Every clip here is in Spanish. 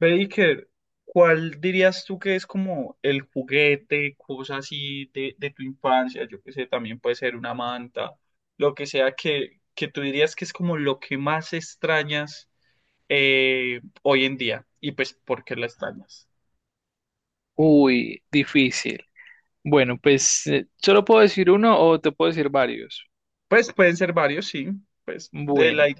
Baker, ¿cuál dirías tú que es como el juguete, cosa así de tu infancia? Yo que sé, también puede ser una manta, lo que sea que tú dirías que es como lo que más extrañas hoy en día. Y pues, ¿por qué la extrañas? Uy, difícil. Bueno, pues solo puedo decir uno o te puedo decir varios. Pues pueden ser varios, sí. Pues, de la, i- Bueno, o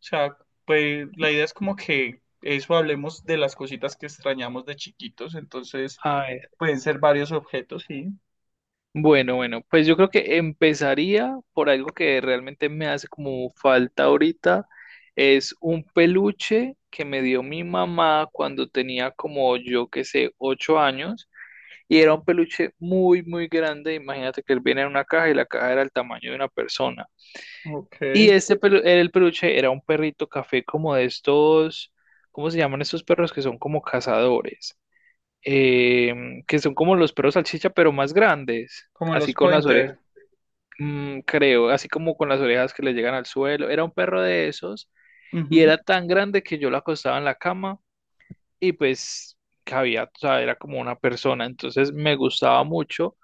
sea, pues la idea es como que eso hablemos de las cositas que extrañamos de chiquitos. Entonces, a ver. pueden ser varios objetos, sí. Bueno, bueno, pues yo creo que empezaría por algo que realmente me hace como falta ahorita. Es un peluche que me dio mi mamá cuando tenía como yo que sé, 8 años. Y era un peluche muy, muy grande. Imagínate que él viene en una caja y la caja era el tamaño de una persona. Ok. Y el peluche era un perrito café como de estos, ¿cómo se llaman estos perros que son como cazadores? Que son como los perros salchicha, pero más grandes, Como así los con las orejas, pointer. Creo, así como con las orejas que le llegan al suelo. Era un perro de esos y Ujú. era tan grande que yo lo acostaba en la cama y pues cabía, o sea, era como una persona. Entonces me gustaba mucho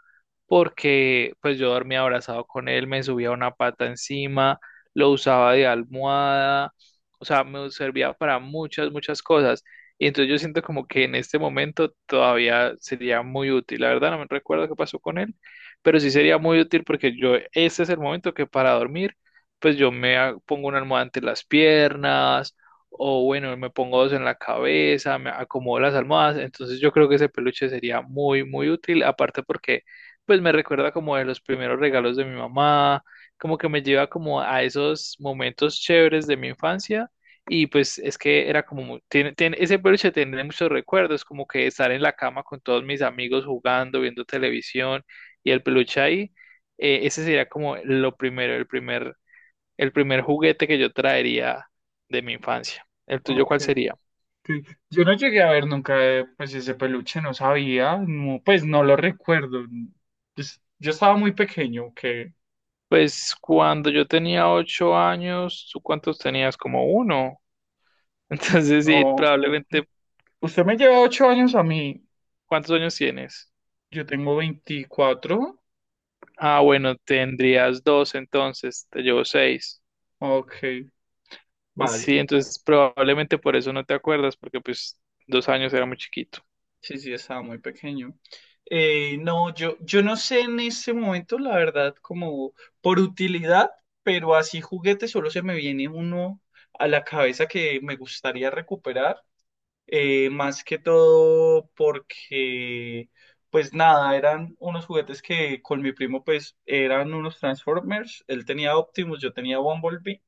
porque pues yo dormía abrazado con él, me subía una pata encima, lo usaba de almohada, o sea, me servía para muchas, muchas cosas. Y entonces yo siento como que en este momento todavía sería muy útil. La verdad no me recuerdo qué pasó con él, pero sí sería muy útil porque yo, este es el momento que para dormir, pues yo pongo una almohada entre las piernas. O bueno, me pongo dos en la cabeza, me acomodo las almohadas. Entonces yo creo que ese peluche sería muy, muy útil. Aparte porque pues me recuerda como de los primeros regalos de mi mamá, como que me lleva como a esos momentos chéveres de mi infancia y pues es que era como, tiene, ese peluche tiene muchos recuerdos, como que estar en la cama con todos mis amigos jugando, viendo televisión y el peluche ahí, ese sería como lo primero, el primer juguete que yo traería de mi infancia. ¿El tuyo Ok, cuál sería? ok. Yo no llegué a ver nunca pues ese peluche, no sabía, no, pues no lo recuerdo. Pues, yo estaba muy pequeño, que Pues cuando yo tenía 8 años, ¿tú cuántos tenías? Como uno. Entonces sí, no. probablemente Usted me lleva 8 años a mí, ¿Cuántos años tienes? yo tengo 24. Ah, bueno, tendrías 2 entonces, te llevo 6. Ok, vale. Sí, entonces probablemente por eso no te acuerdas, porque pues 2 años era muy chiquito. Sí, sí, estaba muy pequeño. No, yo no sé en este momento, la verdad, como por utilidad, pero así juguete solo se me viene uno a la cabeza que me gustaría recuperar. Más que todo porque, pues nada, eran unos juguetes que con mi primo, pues eran unos Transformers. Él tenía Optimus, yo tenía Bumblebee.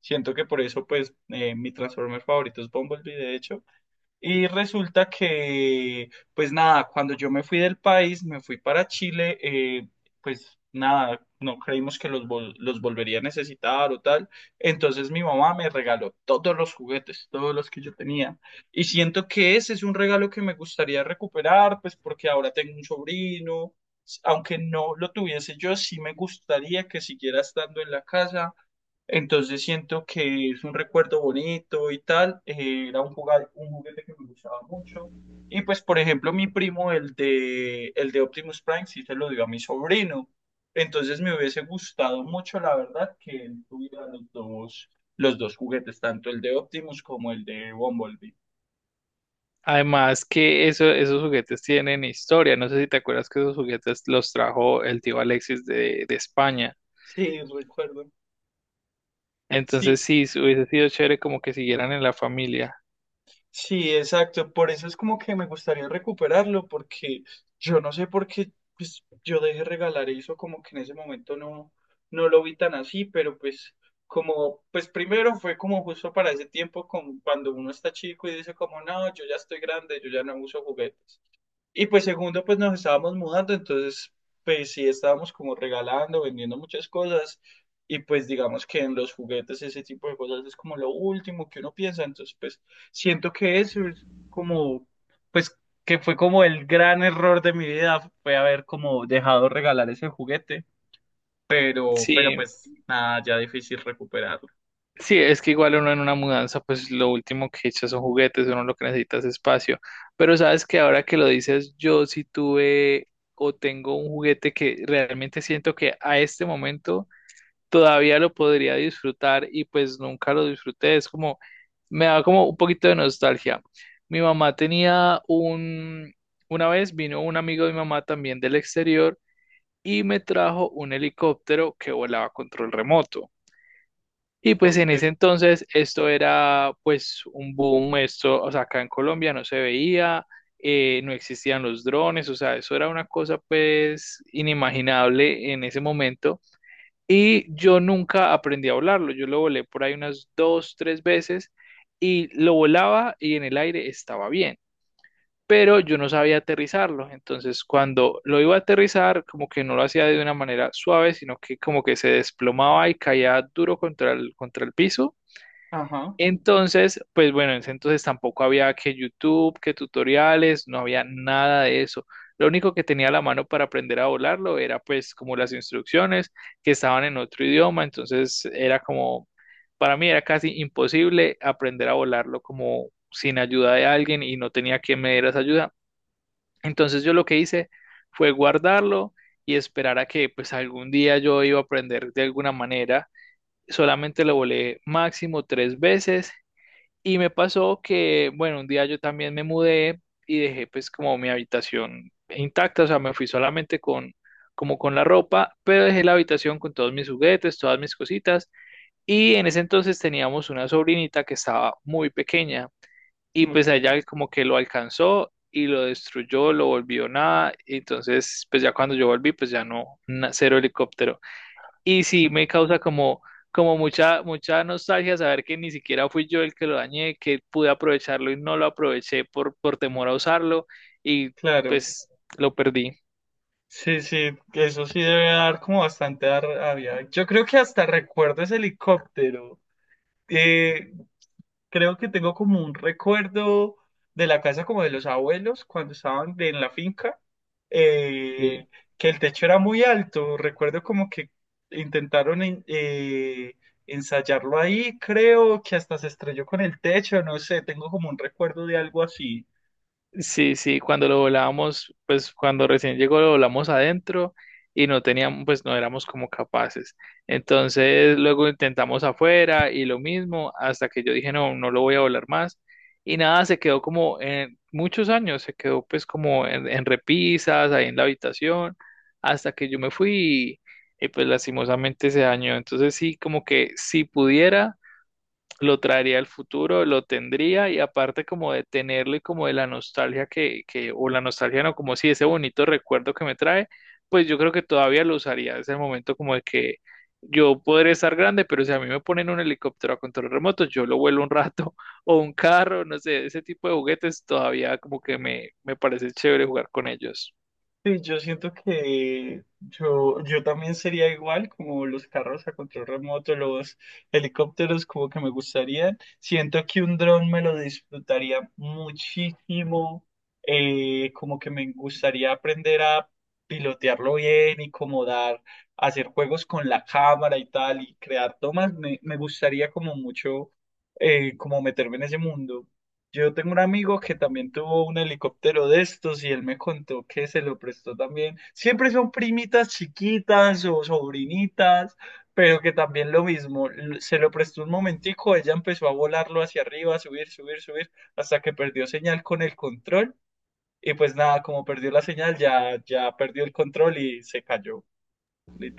Siento que por eso, pues, mi Transformer favorito es Bumblebee, de hecho. Y resulta que, pues nada, cuando yo me fui del país, me fui para Chile, pues nada, no creímos que los volvería a necesitar o tal. Entonces mi mamá me regaló todos los juguetes, todos los que yo tenía. Y siento que ese es un regalo que me gustaría recuperar, pues porque ahora tengo un sobrino. Aunque no lo tuviese yo, sí me gustaría que siguiera estando en la casa, entonces siento que es un recuerdo bonito y tal. Era un, un juguete que me gustaba mucho. Y pues, por ejemplo, mi primo, el de Optimus Prime, sí se lo dio a mi sobrino. Entonces me hubiese gustado mucho, la verdad, que él tuviera los dos juguetes, tanto el de Optimus como el de Bumblebee. Además que eso, esos juguetes tienen historia. No sé si te acuerdas que esos juguetes los trajo el tío Alexis de España. Sí, recuerdo. Entonces Sí, sí, hubiese sido chévere como que siguieran en la familia. sí, exacto. Por eso es como que me gustaría recuperarlo, porque yo no sé por qué pues, yo dejé regalar eso, como que en ese momento no, no lo vi tan así, pero pues como, pues primero fue como justo para ese tiempo, como cuando uno está chico y dice como, no, yo ya estoy grande, yo ya no uso juguetes. Y pues segundo, pues nos estábamos mudando, entonces pues sí estábamos como regalando, vendiendo muchas cosas y pues digamos que en los juguetes ese tipo de cosas es como lo último que uno piensa, entonces pues siento que eso es como pues que fue como el gran error de mi vida, fue haber como dejado regalar ese juguete, pero Sí, pues nada, ya difícil recuperarlo. sí, es que igual uno en una mudanza, pues lo último que echa son juguetes, uno lo que necesita es espacio. Pero sabes que ahora que lo dices, yo sí tuve o tengo un juguete que realmente siento que a este momento todavía lo podría disfrutar y pues nunca lo disfruté. Es como, me da como un poquito de nostalgia. Mi mamá tenía un, una vez vino un amigo de mi mamá también del exterior y me trajo un helicóptero que volaba a control remoto. Y pues Ok, en ese entonces esto era pues un boom, esto, o sea, acá en Colombia no se veía, no existían los drones, o sea, eso era una cosa pues inimaginable en ese momento. Y yo nunca aprendí a volarlo. Yo lo volé por ahí unas 2, 3 veces y lo volaba y en el aire estaba bien, pero yo no sabía aterrizarlo. Entonces, cuando lo iba a aterrizar, como que no lo hacía de una manera suave, sino que como que se desplomaba y caía duro contra el piso. ajá, Entonces, pues bueno, en ese entonces tampoco había que YouTube, que tutoriales, no había nada de eso. Lo único que tenía a la mano para aprender a volarlo era pues como las instrucciones que estaban en otro idioma, entonces era como, para mí era casi imposible aprender a volarlo como sin ayuda de alguien y no tenía quien me diera esa ayuda. Entonces yo lo que hice fue guardarlo y esperar a que pues algún día yo iba a aprender de alguna manera. Solamente lo volé máximo 3 veces y me pasó que, bueno, un día yo también me mudé y dejé pues como mi habitación intacta, o sea, me fui solamente con como con la ropa, pero dejé la habitación con todos mis juguetes, todas mis cositas. Y en ese entonces teníamos una sobrinita que estaba muy pequeña y pues a ok, ella como que lo alcanzó y lo destruyó, lo volvió nada. Y entonces, pues ya cuando yo volví, pues ya no, cero helicóptero. Y sí, me causa como, como mucha, mucha nostalgia saber que ni siquiera fui yo el que lo dañé, que pude aprovecharlo y no lo aproveché por temor a usarlo y claro. pues lo perdí. Sí, sí, eso sí debe dar como bastante rabia. Yo creo que hasta recuerdo ese helicóptero. Eh, Creo que tengo como un recuerdo de la casa como de los abuelos cuando estaban en la finca, Sí. eh, que el techo era muy alto. Recuerdo como que intentaron ensayarlo ahí, creo que hasta se estrelló con el techo, no sé, tengo como un recuerdo de algo así. Sí, sí, cuando lo volábamos, pues cuando recién llegó lo volamos adentro y no teníamos, pues no éramos como capaces. Entonces luego intentamos afuera y lo mismo, hasta que yo dije, no, no lo voy a volar más. Y nada, se quedó como en muchos años, se quedó pues como en repisas, ahí en la habitación, hasta que yo me fui y pues lastimosamente se dañó. Entonces sí, como que si pudiera lo traería al futuro, lo tendría y aparte como de tenerlo y como de la nostalgia que o la nostalgia no, como si ese bonito recuerdo que me trae, pues yo creo que todavía lo usaría. Es el momento como de que yo podré estar grande, pero si a mí me ponen un helicóptero a control remoto, yo lo vuelo un rato o un carro, no sé, ese tipo de juguetes todavía como que me parece chévere jugar con ellos. Sí, yo siento que yo también sería igual como los carros a control remoto, los helicópteros, como que me gustaría. Siento que un dron me lo disfrutaría muchísimo, como que me gustaría aprender a pilotearlo bien y como dar, hacer juegos con la cámara y tal y crear tomas. Me gustaría como mucho, como meterme en ese mundo. Yo tengo un amigo que también tuvo un helicóptero de estos y él me contó que se lo prestó también. Siempre son primitas chiquitas o sobrinitas, pero que también lo mismo. Se lo prestó un momentico, ella empezó a volarlo hacia arriba, a subir, subir, subir, hasta que perdió señal con el control. Y pues nada, como perdió la señal, ya, ya perdió el control y se cayó,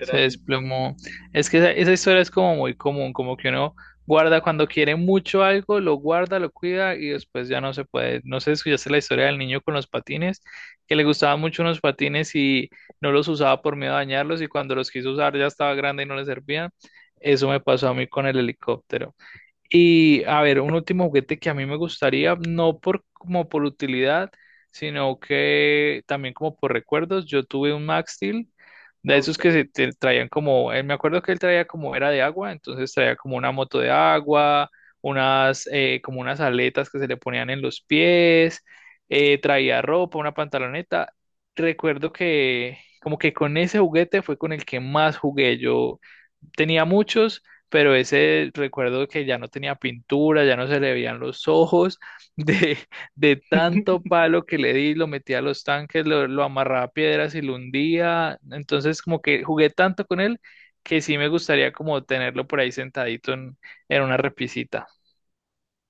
Se Y pues, desplomó. Es que esa historia es como muy común, como que uno guarda cuando quiere mucho algo, lo guarda, lo cuida y después ya no se puede. No sé si escuchaste la historia del niño con los patines, que le gustaban mucho unos patines y no los usaba por miedo a dañarlos y cuando los quiso usar ya estaba grande y no le servían. Eso me pasó a mí con el helicóptero. Y a ver, un último juguete que a mí me gustaría, no por como por utilidad, sino que también como por recuerdos. Yo tuve un Max Steel de esos ok. que se te traían como, él, me acuerdo que él traía como era de agua, entonces traía como una moto de agua, unas como unas aletas que se le ponían en los pies, traía ropa, una pantaloneta. Recuerdo que como que con ese juguete fue con el que más jugué yo tenía muchos, pero ese recuerdo que ya no tenía pintura, ya no se le veían los ojos, de, de tanto palo que le di, lo metía a los tanques, lo amarraba a piedras y lo hundía. Entonces, como que jugué tanto con él que sí me gustaría como tenerlo por ahí sentadito en una repisita.